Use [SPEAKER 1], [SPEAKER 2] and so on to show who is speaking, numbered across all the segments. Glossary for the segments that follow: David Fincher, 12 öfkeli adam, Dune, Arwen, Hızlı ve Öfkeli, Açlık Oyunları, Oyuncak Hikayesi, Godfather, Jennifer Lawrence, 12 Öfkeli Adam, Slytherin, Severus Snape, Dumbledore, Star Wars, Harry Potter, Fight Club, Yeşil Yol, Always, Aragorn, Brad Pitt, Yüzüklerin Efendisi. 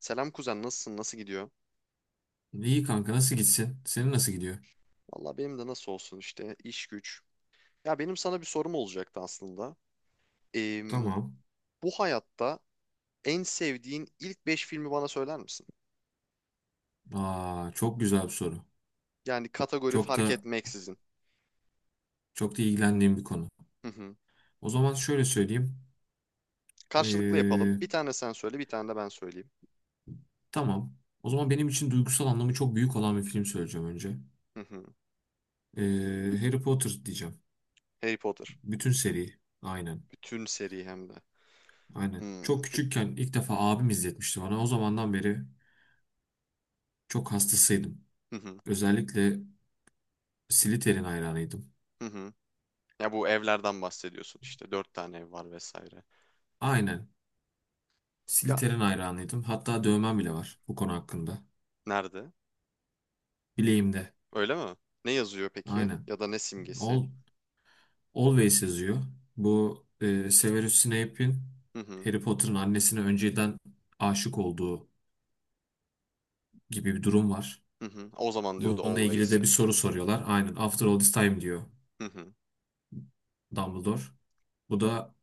[SPEAKER 1] Selam kuzen, nasılsın? Nasıl gidiyor?
[SPEAKER 2] İyi kanka, nasıl gitsin? Senin nasıl gidiyor?
[SPEAKER 1] Valla benim de nasıl olsun işte, iş güç. Ya benim sana bir sorum olacaktı aslında. Eee,
[SPEAKER 2] Tamam.
[SPEAKER 1] bu hayatta en sevdiğin ilk 5 filmi bana söyler misin?
[SPEAKER 2] Aa, çok güzel bir soru.
[SPEAKER 1] Yani kategori
[SPEAKER 2] Çok
[SPEAKER 1] fark
[SPEAKER 2] da
[SPEAKER 1] etmeksizin.
[SPEAKER 2] çok da ilgilendiğim bir konu.
[SPEAKER 1] Hı hı.
[SPEAKER 2] O zaman şöyle söyleyeyim.
[SPEAKER 1] Karşılıklı yapalım.
[SPEAKER 2] Ee,
[SPEAKER 1] Bir tane sen söyle, bir tane de ben söyleyeyim.
[SPEAKER 2] tamam. O zaman benim için duygusal anlamı çok büyük olan bir film söyleyeceğim önce.
[SPEAKER 1] Hı hı.
[SPEAKER 2] Harry Potter diyeceğim.
[SPEAKER 1] Harry Potter.
[SPEAKER 2] Bütün seri. Aynen.
[SPEAKER 1] Bütün seri hem de.
[SPEAKER 2] Aynen.
[SPEAKER 1] Hmm.
[SPEAKER 2] Çok küçükken ilk defa abim izletmişti bana. O zamandan beri çok hastasıydım.
[SPEAKER 1] Hı hı.
[SPEAKER 2] Özellikle Slytherin hayranıydım.
[SPEAKER 1] Hı hı. Ya bu evlerden bahsediyorsun işte. Dört tane ev var vesaire.
[SPEAKER 2] Aynen.
[SPEAKER 1] Ya,
[SPEAKER 2] Slytherin hayranıydım. Hatta dövmem bile var bu konu hakkında.
[SPEAKER 1] nerede?
[SPEAKER 2] Bileğimde.
[SPEAKER 1] Öyle mi? Ne yazıyor peki?
[SPEAKER 2] Aynen.
[SPEAKER 1] Ya da ne simgesi?
[SPEAKER 2] Al- Always yazıyor. Bu Severus Snape'in
[SPEAKER 1] Hı hı.
[SPEAKER 2] Harry Potter'ın annesine önceden aşık olduğu gibi bir durum var.
[SPEAKER 1] Hı hı. O zaman diyordu
[SPEAKER 2] Bununla ilgili
[SPEAKER 1] Always'i.
[SPEAKER 2] de bir soru soruyorlar. Aynen. After all this time diyor
[SPEAKER 1] Hı hı.
[SPEAKER 2] Dumbledore. Bu da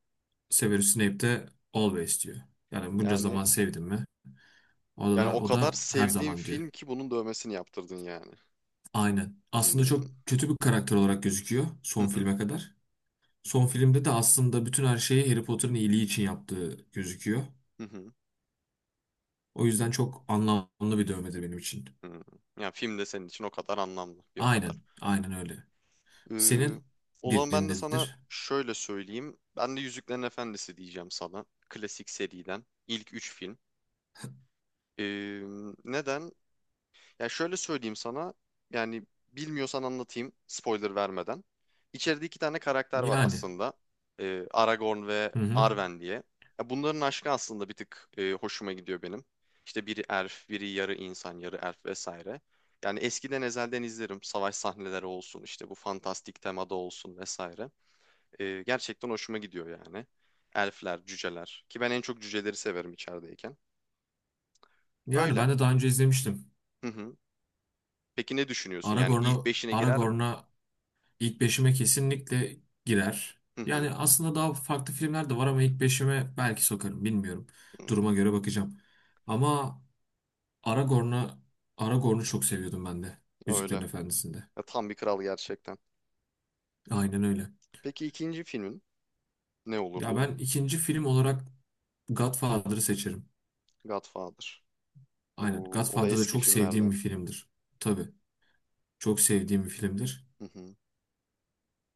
[SPEAKER 2] Severus Snape de always diyor. Yani bunca
[SPEAKER 1] Yani
[SPEAKER 2] zaman sevdim mi? O
[SPEAKER 1] yani
[SPEAKER 2] da
[SPEAKER 1] o
[SPEAKER 2] o
[SPEAKER 1] kadar
[SPEAKER 2] da her
[SPEAKER 1] sevdiğim
[SPEAKER 2] zaman diyor.
[SPEAKER 1] film ki bunun dövmesini yaptırdın yani.
[SPEAKER 2] Aynen. Aslında
[SPEAKER 1] Hmm.
[SPEAKER 2] çok kötü bir karakter olarak gözüküyor
[SPEAKER 1] Hı
[SPEAKER 2] son
[SPEAKER 1] hı.
[SPEAKER 2] filme kadar. Son filmde de aslında bütün her şeyi Harry Potter'ın iyiliği için yaptığı gözüküyor.
[SPEAKER 1] Hı hı.
[SPEAKER 2] O yüzden çok anlamlı bir dövmedir benim için.
[SPEAKER 1] Hı. Yani film de senin için o kadar anlamlı. Bir o kadar.
[SPEAKER 2] Aynen, aynen öyle.
[SPEAKER 1] Ee,
[SPEAKER 2] Senin
[SPEAKER 1] O zaman ben de sana
[SPEAKER 2] birindedir.
[SPEAKER 1] şöyle söyleyeyim. Ben de Yüzüklerin Efendisi diyeceğim sana. Klasik seriden. İlk 3 film. Ee, Neden? Ya şöyle söyleyeyim sana. Yani bilmiyorsan anlatayım spoiler vermeden. İçeride iki tane karakter var
[SPEAKER 2] Yani,
[SPEAKER 1] aslında. Aragorn ve
[SPEAKER 2] hı hı.
[SPEAKER 1] Arwen diye. Ya bunların aşkı aslında bir tık hoşuma gidiyor benim. İşte biri elf, biri yarı insan, yarı elf vesaire. Yani eskiden ezelden izlerim. Savaş sahneleri olsun, işte bu fantastik temada olsun vesaire. Gerçekten hoşuma gidiyor yani. Elfler, cüceler. Ki ben en çok cüceleri severim içerideyken.
[SPEAKER 2] Yani
[SPEAKER 1] Öyle.
[SPEAKER 2] ben de daha önce izlemiştim.
[SPEAKER 1] Hı hı. Peki ne düşünüyorsun? Yani
[SPEAKER 2] Aragorn'a
[SPEAKER 1] ilk beşine girer mi?
[SPEAKER 2] Aragorn'a ilk beşime kesinlikle girer.
[SPEAKER 1] Hı
[SPEAKER 2] Yani
[SPEAKER 1] hı.
[SPEAKER 2] aslında daha farklı filmler de var ama ilk beşime belki sokarım, bilmiyorum.
[SPEAKER 1] Hı,
[SPEAKER 2] Duruma göre bakacağım. Ama Aragorn'a Aragorn'u çok seviyordum ben de Yüzüklerin
[SPEAKER 1] öyle.
[SPEAKER 2] Efendisi'nde.
[SPEAKER 1] Ya, tam bir kral gerçekten.
[SPEAKER 2] Aynen öyle.
[SPEAKER 1] Peki ikinci filmin ne
[SPEAKER 2] Ya
[SPEAKER 1] olurdu?
[SPEAKER 2] ben ikinci film olarak Godfather'ı seçerim.
[SPEAKER 1] Godfather.
[SPEAKER 2] Aynen.
[SPEAKER 1] Oo, o da
[SPEAKER 2] Godfather da
[SPEAKER 1] eski
[SPEAKER 2] çok sevdiğim
[SPEAKER 1] filmlerden.
[SPEAKER 2] bir filmdir. Tabii. Çok sevdiğim bir filmdir.
[SPEAKER 1] Hı hı.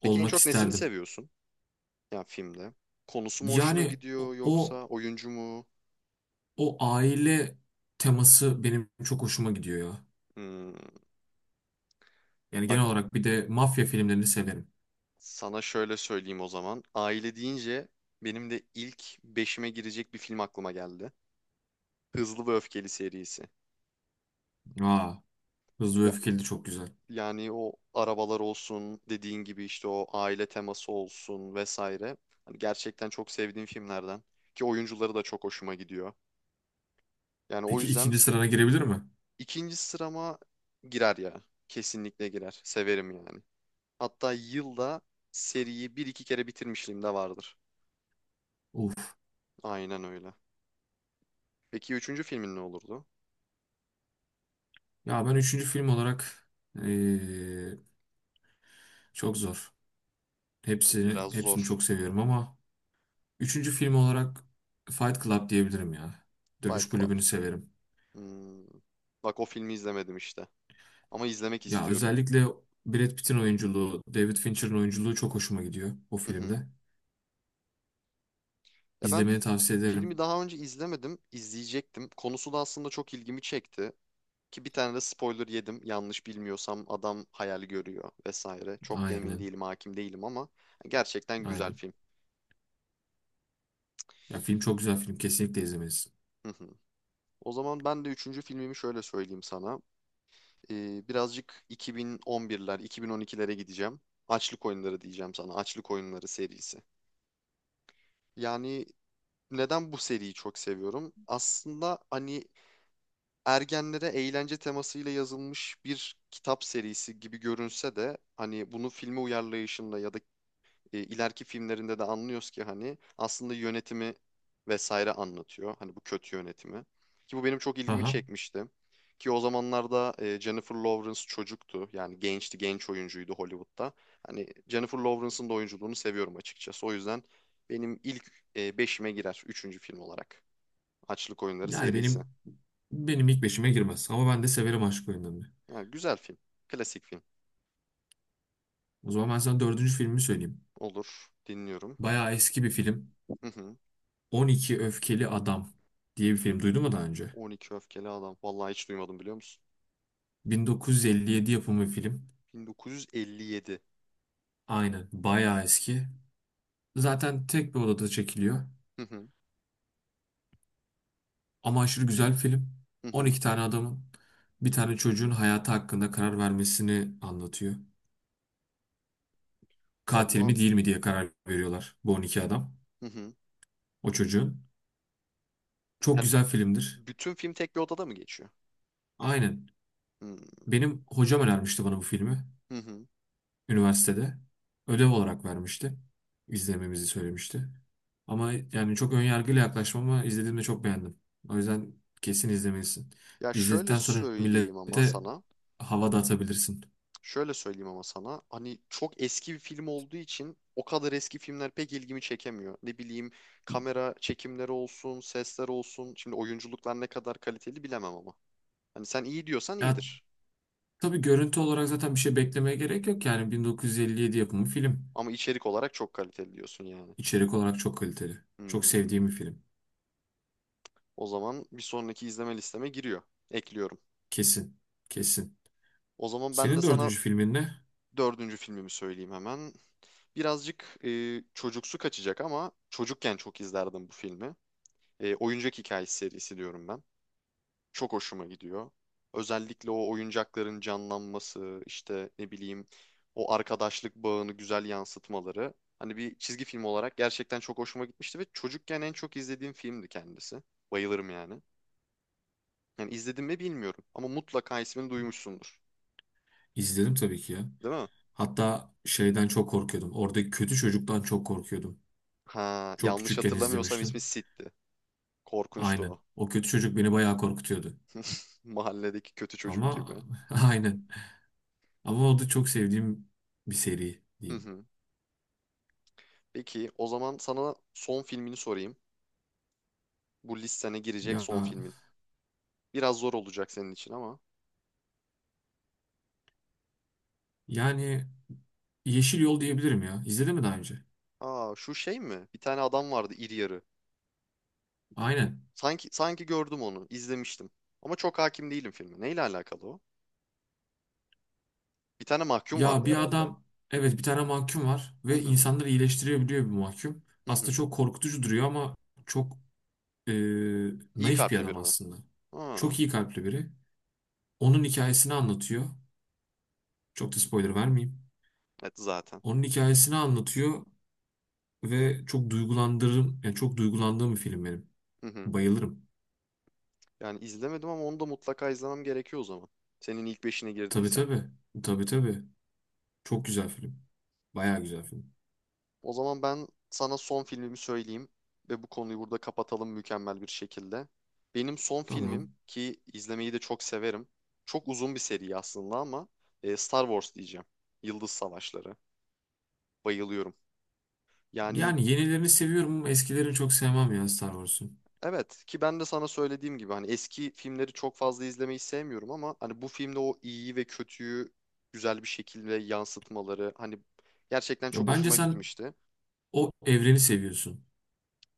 [SPEAKER 1] Peki en
[SPEAKER 2] Olmak
[SPEAKER 1] çok nesini
[SPEAKER 2] isterdim.
[SPEAKER 1] seviyorsun? Yani filmde. Konusu mu hoşuna
[SPEAKER 2] Yani
[SPEAKER 1] gidiyor yoksa oyuncu mu?
[SPEAKER 2] o aile teması benim çok hoşuma gidiyor ya.
[SPEAKER 1] Hmm,
[SPEAKER 2] Yani
[SPEAKER 1] bak
[SPEAKER 2] genel olarak bir de mafya filmlerini severim.
[SPEAKER 1] sana şöyle söyleyeyim o zaman. Aile deyince benim de ilk beşime girecek bir film aklıma geldi. Hızlı ve Öfkeli serisi.
[SPEAKER 2] Aa, Hızlı ve
[SPEAKER 1] Ya,
[SPEAKER 2] Öfkeli de çok güzel.
[SPEAKER 1] yani o arabalar olsun, dediğin gibi işte o aile teması olsun vesaire. Hani gerçekten çok sevdiğim filmlerden ki oyuncuları da çok hoşuma gidiyor. Yani o
[SPEAKER 2] Peki
[SPEAKER 1] yüzden
[SPEAKER 2] ikinci sırana girebilir mi?
[SPEAKER 1] ikinci sırama girer ya. Kesinlikle girer. Severim yani. Hatta yılda seriyi bir iki kere bitirmişliğim de vardır.
[SPEAKER 2] Uf.
[SPEAKER 1] Aynen öyle. Peki üçüncü filmin ne olurdu?
[SPEAKER 2] Ya ben üçüncü film olarak eee, çok zor.
[SPEAKER 1] Biraz
[SPEAKER 2] Hepsini
[SPEAKER 1] zor.
[SPEAKER 2] çok seviyorum ama üçüncü film olarak Fight Club diyebilirim ya.
[SPEAKER 1] Fight
[SPEAKER 2] Dövüş
[SPEAKER 1] Club.
[SPEAKER 2] kulübünü severim.
[SPEAKER 1] Hmm. Bak, o filmi izlemedim işte. Ama izlemek
[SPEAKER 2] Ya
[SPEAKER 1] istiyorum.
[SPEAKER 2] özellikle Brad Pitt'in oyunculuğu, David Fincher'ın oyunculuğu çok hoşuma gidiyor o
[SPEAKER 1] Hı hı.
[SPEAKER 2] filmde.
[SPEAKER 1] Ya ben
[SPEAKER 2] İzlemeni tavsiye
[SPEAKER 1] filmi
[SPEAKER 2] ederim.
[SPEAKER 1] daha önce izlemedim, izleyecektim. Konusu da aslında çok ilgimi çekti. Ki bir tane de spoiler yedim. Yanlış bilmiyorsam adam hayal görüyor vesaire. Çok da emin
[SPEAKER 2] Aynen,
[SPEAKER 1] değilim, hakim değilim ama gerçekten güzel
[SPEAKER 2] aynen.
[SPEAKER 1] film.
[SPEAKER 2] Ya film çok güzel film, kesinlikle izlemelisin.
[SPEAKER 1] Hı hı. O zaman ben de üçüncü filmimi şöyle söyleyeyim sana. Birazcık 2011'ler, 2012'lere gideceğim. Açlık Oyunları diyeceğim sana. Açlık Oyunları serisi. Yani neden bu seriyi çok seviyorum? Aslında hani ergenlere eğlence temasıyla yazılmış bir kitap serisi gibi görünse de hani bunu filme uyarlayışında ya da ileriki filmlerinde de anlıyoruz ki hani aslında yönetimi vesaire anlatıyor. Hani bu kötü yönetimi. Ki bu benim çok ilgimi
[SPEAKER 2] Aha.
[SPEAKER 1] çekmişti. Ki o zamanlarda Jennifer Lawrence çocuktu. Yani gençti, genç oyuncuydu Hollywood'da. Hani Jennifer Lawrence'ın da oyunculuğunu seviyorum açıkçası. O yüzden benim ilk beşime girer. Üçüncü film olarak. Açlık Oyunları
[SPEAKER 2] Yani
[SPEAKER 1] serisi.
[SPEAKER 2] benim ilk beşime girmez ama ben de severim aşk oyunlarını.
[SPEAKER 1] Yani güzel film. Klasik film.
[SPEAKER 2] O zaman ben sana dördüncü filmi söyleyeyim.
[SPEAKER 1] Olur. Dinliyorum.
[SPEAKER 2] Bayağı eski bir film.
[SPEAKER 1] Hı hı.
[SPEAKER 2] 12 Öfkeli Adam diye bir film duydun mu daha önce?
[SPEAKER 1] 12 öfkeli adam. Vallahi hiç duymadım biliyor musun?
[SPEAKER 2] 1957 yapımı bir film.
[SPEAKER 1] 1957.
[SPEAKER 2] Aynen, bayağı eski. Zaten tek bir odada çekiliyor.
[SPEAKER 1] Hı hı.
[SPEAKER 2] Ama aşırı güzel bir film.
[SPEAKER 1] Hı hı.
[SPEAKER 2] 12 tane adamın bir tane çocuğun hayatı hakkında karar vermesini anlatıyor. Katil
[SPEAKER 1] Vallahi.
[SPEAKER 2] mi değil mi diye karar veriyorlar bu 12 adam.
[SPEAKER 1] Hı hı.
[SPEAKER 2] O çocuğun. Çok
[SPEAKER 1] Yani
[SPEAKER 2] güzel filmdir.
[SPEAKER 1] bütün film tek bir odada mı geçiyor?
[SPEAKER 2] Aynen.
[SPEAKER 1] Hı
[SPEAKER 2] Benim hocam önermişti bana bu filmi.
[SPEAKER 1] hı. Hı.
[SPEAKER 2] Üniversitede. Ödev olarak vermişti. İzlememizi söylemişti. Ama yani çok önyargıyla yaklaşmam ama izlediğimde çok beğendim. O yüzden kesin izlemelisin.
[SPEAKER 1] Ya şöyle
[SPEAKER 2] İzledikten sonra
[SPEAKER 1] söyleyeyim ama
[SPEAKER 2] millete
[SPEAKER 1] sana.
[SPEAKER 2] hava da atabilirsin.
[SPEAKER 1] Şöyle söyleyeyim ama sana. Hani çok eski bir film olduğu için o kadar eski filmler pek ilgimi çekemiyor. Ne bileyim, kamera çekimleri olsun, sesler olsun. Şimdi oyunculuklar ne kadar kaliteli bilemem ama. Hani sen iyi diyorsan
[SPEAKER 2] Ya,
[SPEAKER 1] iyidir.
[SPEAKER 2] tabii görüntü olarak zaten bir şey beklemeye gerek yok yani 1957 yapımı film.
[SPEAKER 1] Ama içerik olarak çok kaliteli diyorsun yani.
[SPEAKER 2] İçerik olarak çok kaliteli. Çok
[SPEAKER 1] Hmm,
[SPEAKER 2] sevdiğim bir film.
[SPEAKER 1] o zaman bir sonraki izleme listeme giriyor. Ekliyorum.
[SPEAKER 2] Kesin. Kesin.
[SPEAKER 1] O zaman ben de
[SPEAKER 2] Senin
[SPEAKER 1] sana
[SPEAKER 2] dördüncü filmin ne?
[SPEAKER 1] dördüncü filmimi söyleyeyim hemen. Birazcık çocuksu kaçacak ama çocukken çok izlerdim bu filmi. Oyuncak Hikayesi serisi diyorum ben. Çok hoşuma gidiyor. Özellikle o oyuncakların canlanması, işte ne bileyim, o arkadaşlık bağını güzel yansıtmaları. Hani bir çizgi film olarak gerçekten çok hoşuma gitmişti ve çocukken en çok izlediğim filmdi kendisi. Bayılırım yani. Yani izledim mi bilmiyorum ama mutlaka ismini duymuşsundur.
[SPEAKER 2] İzledim tabii ki ya.
[SPEAKER 1] Değil mi?
[SPEAKER 2] Hatta şeyden çok korkuyordum. Oradaki kötü çocuktan çok korkuyordum.
[SPEAKER 1] Ha,
[SPEAKER 2] Çok
[SPEAKER 1] yanlış
[SPEAKER 2] küçükken
[SPEAKER 1] hatırlamıyorsam ismi
[SPEAKER 2] izlemiştim.
[SPEAKER 1] Sid'di. Korkunçtu
[SPEAKER 2] Aynen.
[SPEAKER 1] o.
[SPEAKER 2] O kötü çocuk beni bayağı korkutuyordu.
[SPEAKER 1] Mahalledeki kötü çocuk
[SPEAKER 2] Ama
[SPEAKER 1] gibi.
[SPEAKER 2] aynen. Ama o da çok sevdiğim bir seri
[SPEAKER 1] Hı
[SPEAKER 2] diyeyim.
[SPEAKER 1] hı. Peki o zaman sana son filmini sorayım. Bu listene girecek
[SPEAKER 2] Ya
[SPEAKER 1] son filmin. Biraz zor olacak senin için ama.
[SPEAKER 2] yani Yeşil Yol diyebilirim ya. İzledin mi daha önce?
[SPEAKER 1] Aa, şu şey mi? Bir tane adam vardı iri yarı.
[SPEAKER 2] Aynen.
[SPEAKER 1] Sanki gördüm onu, izlemiştim. Ama çok hakim değilim filme. Neyle alakalı o? Bir tane mahkum
[SPEAKER 2] Ya
[SPEAKER 1] vardı
[SPEAKER 2] bir
[SPEAKER 1] herhalde.
[SPEAKER 2] adam, evet bir tane mahkum var
[SPEAKER 1] Hı
[SPEAKER 2] ve
[SPEAKER 1] hı.
[SPEAKER 2] insanları iyileştirebiliyor bir mahkum.
[SPEAKER 1] Hı
[SPEAKER 2] Aslında
[SPEAKER 1] hı.
[SPEAKER 2] çok korkutucu duruyor ama çok e,
[SPEAKER 1] İyi
[SPEAKER 2] naif bir
[SPEAKER 1] kalpli
[SPEAKER 2] adam
[SPEAKER 1] biri mi?
[SPEAKER 2] aslında.
[SPEAKER 1] Ha,
[SPEAKER 2] Çok iyi kalpli biri. Onun hikayesini anlatıyor. Çok da spoiler vermeyeyim.
[SPEAKER 1] evet zaten.
[SPEAKER 2] Onun hikayesini anlatıyor ve çok duygulandırırım. Yani çok duygulandığım bir film benim.
[SPEAKER 1] Hı hı.
[SPEAKER 2] Bayılırım.
[SPEAKER 1] Yani izlemedim ama onu da mutlaka izlemem gerekiyor o zaman. Senin ilk beşine
[SPEAKER 2] Tabii
[SPEAKER 1] girdiyse.
[SPEAKER 2] tabii. Tabii tabii. Çok güzel film. Bayağı güzel film.
[SPEAKER 1] O zaman ben sana son filmimi söyleyeyim ve bu konuyu burada kapatalım mükemmel bir şekilde. Benim son filmim
[SPEAKER 2] Tamam.
[SPEAKER 1] ki izlemeyi de çok severim. Çok uzun bir seri aslında ama Star Wars diyeceğim. Yıldız Savaşları. Bayılıyorum. Yani
[SPEAKER 2] Yani yenilerini seviyorum ama eskilerini çok sevmem ya Star Wars'un.
[SPEAKER 1] evet, ki ben de sana söylediğim gibi hani eski filmleri çok fazla izlemeyi sevmiyorum ama hani bu filmde o iyiyi ve kötüyü güzel bir şekilde yansıtmaları hani gerçekten
[SPEAKER 2] Ya
[SPEAKER 1] çok
[SPEAKER 2] bence
[SPEAKER 1] hoşuma
[SPEAKER 2] sen
[SPEAKER 1] gitmişti.
[SPEAKER 2] o evreni seviyorsun.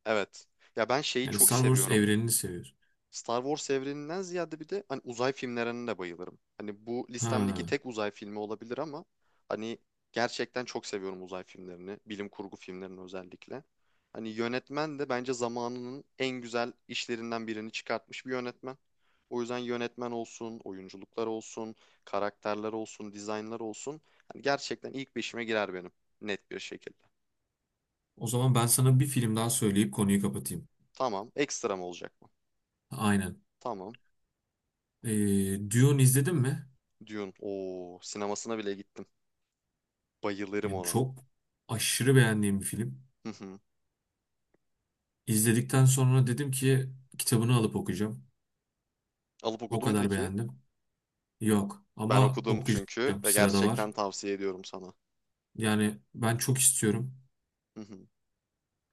[SPEAKER 1] Evet. Ya ben şeyi
[SPEAKER 2] Yani
[SPEAKER 1] çok
[SPEAKER 2] Star Wars
[SPEAKER 1] seviyorum.
[SPEAKER 2] evrenini seviyorsun.
[SPEAKER 1] Star Wars evreninden ziyade bir de hani uzay filmlerine de bayılırım. Hani bu listemdeki
[SPEAKER 2] Ha.
[SPEAKER 1] tek uzay filmi olabilir ama hani gerçekten çok seviyorum uzay filmlerini, bilim kurgu filmlerini özellikle. Hani yönetmen de bence zamanının en güzel işlerinden birini çıkartmış bir yönetmen. O yüzden yönetmen olsun, oyunculuklar olsun, karakterler olsun, dizaynlar olsun. Hani gerçekten ilk beşime girer benim net bir şekilde.
[SPEAKER 2] O zaman ben sana bir film daha söyleyip konuyu kapatayım.
[SPEAKER 1] Tamam, ekstra mı olacak mı?
[SPEAKER 2] Aynen.
[SPEAKER 1] Tamam.
[SPEAKER 2] Dune izledin mi?
[SPEAKER 1] Dune. Oo, sinemasına bile gittim. Bayılırım
[SPEAKER 2] Yani
[SPEAKER 1] ona.
[SPEAKER 2] çok aşırı beğendiğim bir film.
[SPEAKER 1] Hı hı.
[SPEAKER 2] İzledikten sonra dedim ki kitabını alıp okuyacağım.
[SPEAKER 1] Alıp
[SPEAKER 2] O
[SPEAKER 1] okudun mu
[SPEAKER 2] kadar
[SPEAKER 1] peki?
[SPEAKER 2] beğendim. Yok
[SPEAKER 1] Ben
[SPEAKER 2] ama
[SPEAKER 1] okudum çünkü
[SPEAKER 2] okuyacağım.
[SPEAKER 1] ve
[SPEAKER 2] Sırada var.
[SPEAKER 1] gerçekten tavsiye ediyorum sana.
[SPEAKER 2] Yani ben çok istiyorum.
[SPEAKER 1] Hı hı.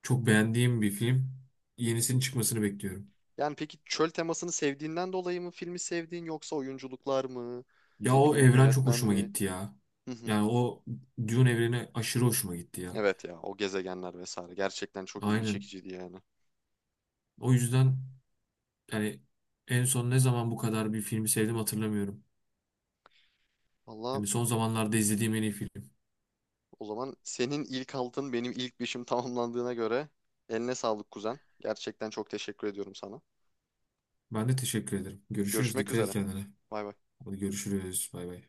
[SPEAKER 2] Çok beğendiğim bir film. Yenisinin çıkmasını bekliyorum.
[SPEAKER 1] Yani peki çöl temasını sevdiğinden dolayı mı filmi sevdiğin yoksa oyunculuklar mı?
[SPEAKER 2] Ya
[SPEAKER 1] Ne
[SPEAKER 2] o
[SPEAKER 1] bileyim,
[SPEAKER 2] evren çok
[SPEAKER 1] yönetmen
[SPEAKER 2] hoşuma
[SPEAKER 1] mi?
[SPEAKER 2] gitti ya.
[SPEAKER 1] Hı hı.
[SPEAKER 2] Yani o Dune evreni aşırı hoşuma gitti ya.
[SPEAKER 1] Evet ya, o gezegenler vesaire gerçekten çok ilgi
[SPEAKER 2] Aynen.
[SPEAKER 1] çekiciydi yani.
[SPEAKER 2] O yüzden yani en son ne zaman bu kadar bir filmi sevdim hatırlamıyorum.
[SPEAKER 1] Valla
[SPEAKER 2] Hani son zamanlarda izlediğim en iyi film.
[SPEAKER 1] o zaman senin ilk altın benim ilk beşim tamamlandığına göre eline sağlık kuzen. Gerçekten çok teşekkür ediyorum sana.
[SPEAKER 2] Ben de teşekkür ederim. Görüşürüz.
[SPEAKER 1] Görüşmek
[SPEAKER 2] Dikkat et
[SPEAKER 1] üzere.
[SPEAKER 2] kendine.
[SPEAKER 1] Bay bay.
[SPEAKER 2] Hadi görüşürüz. Bay bay.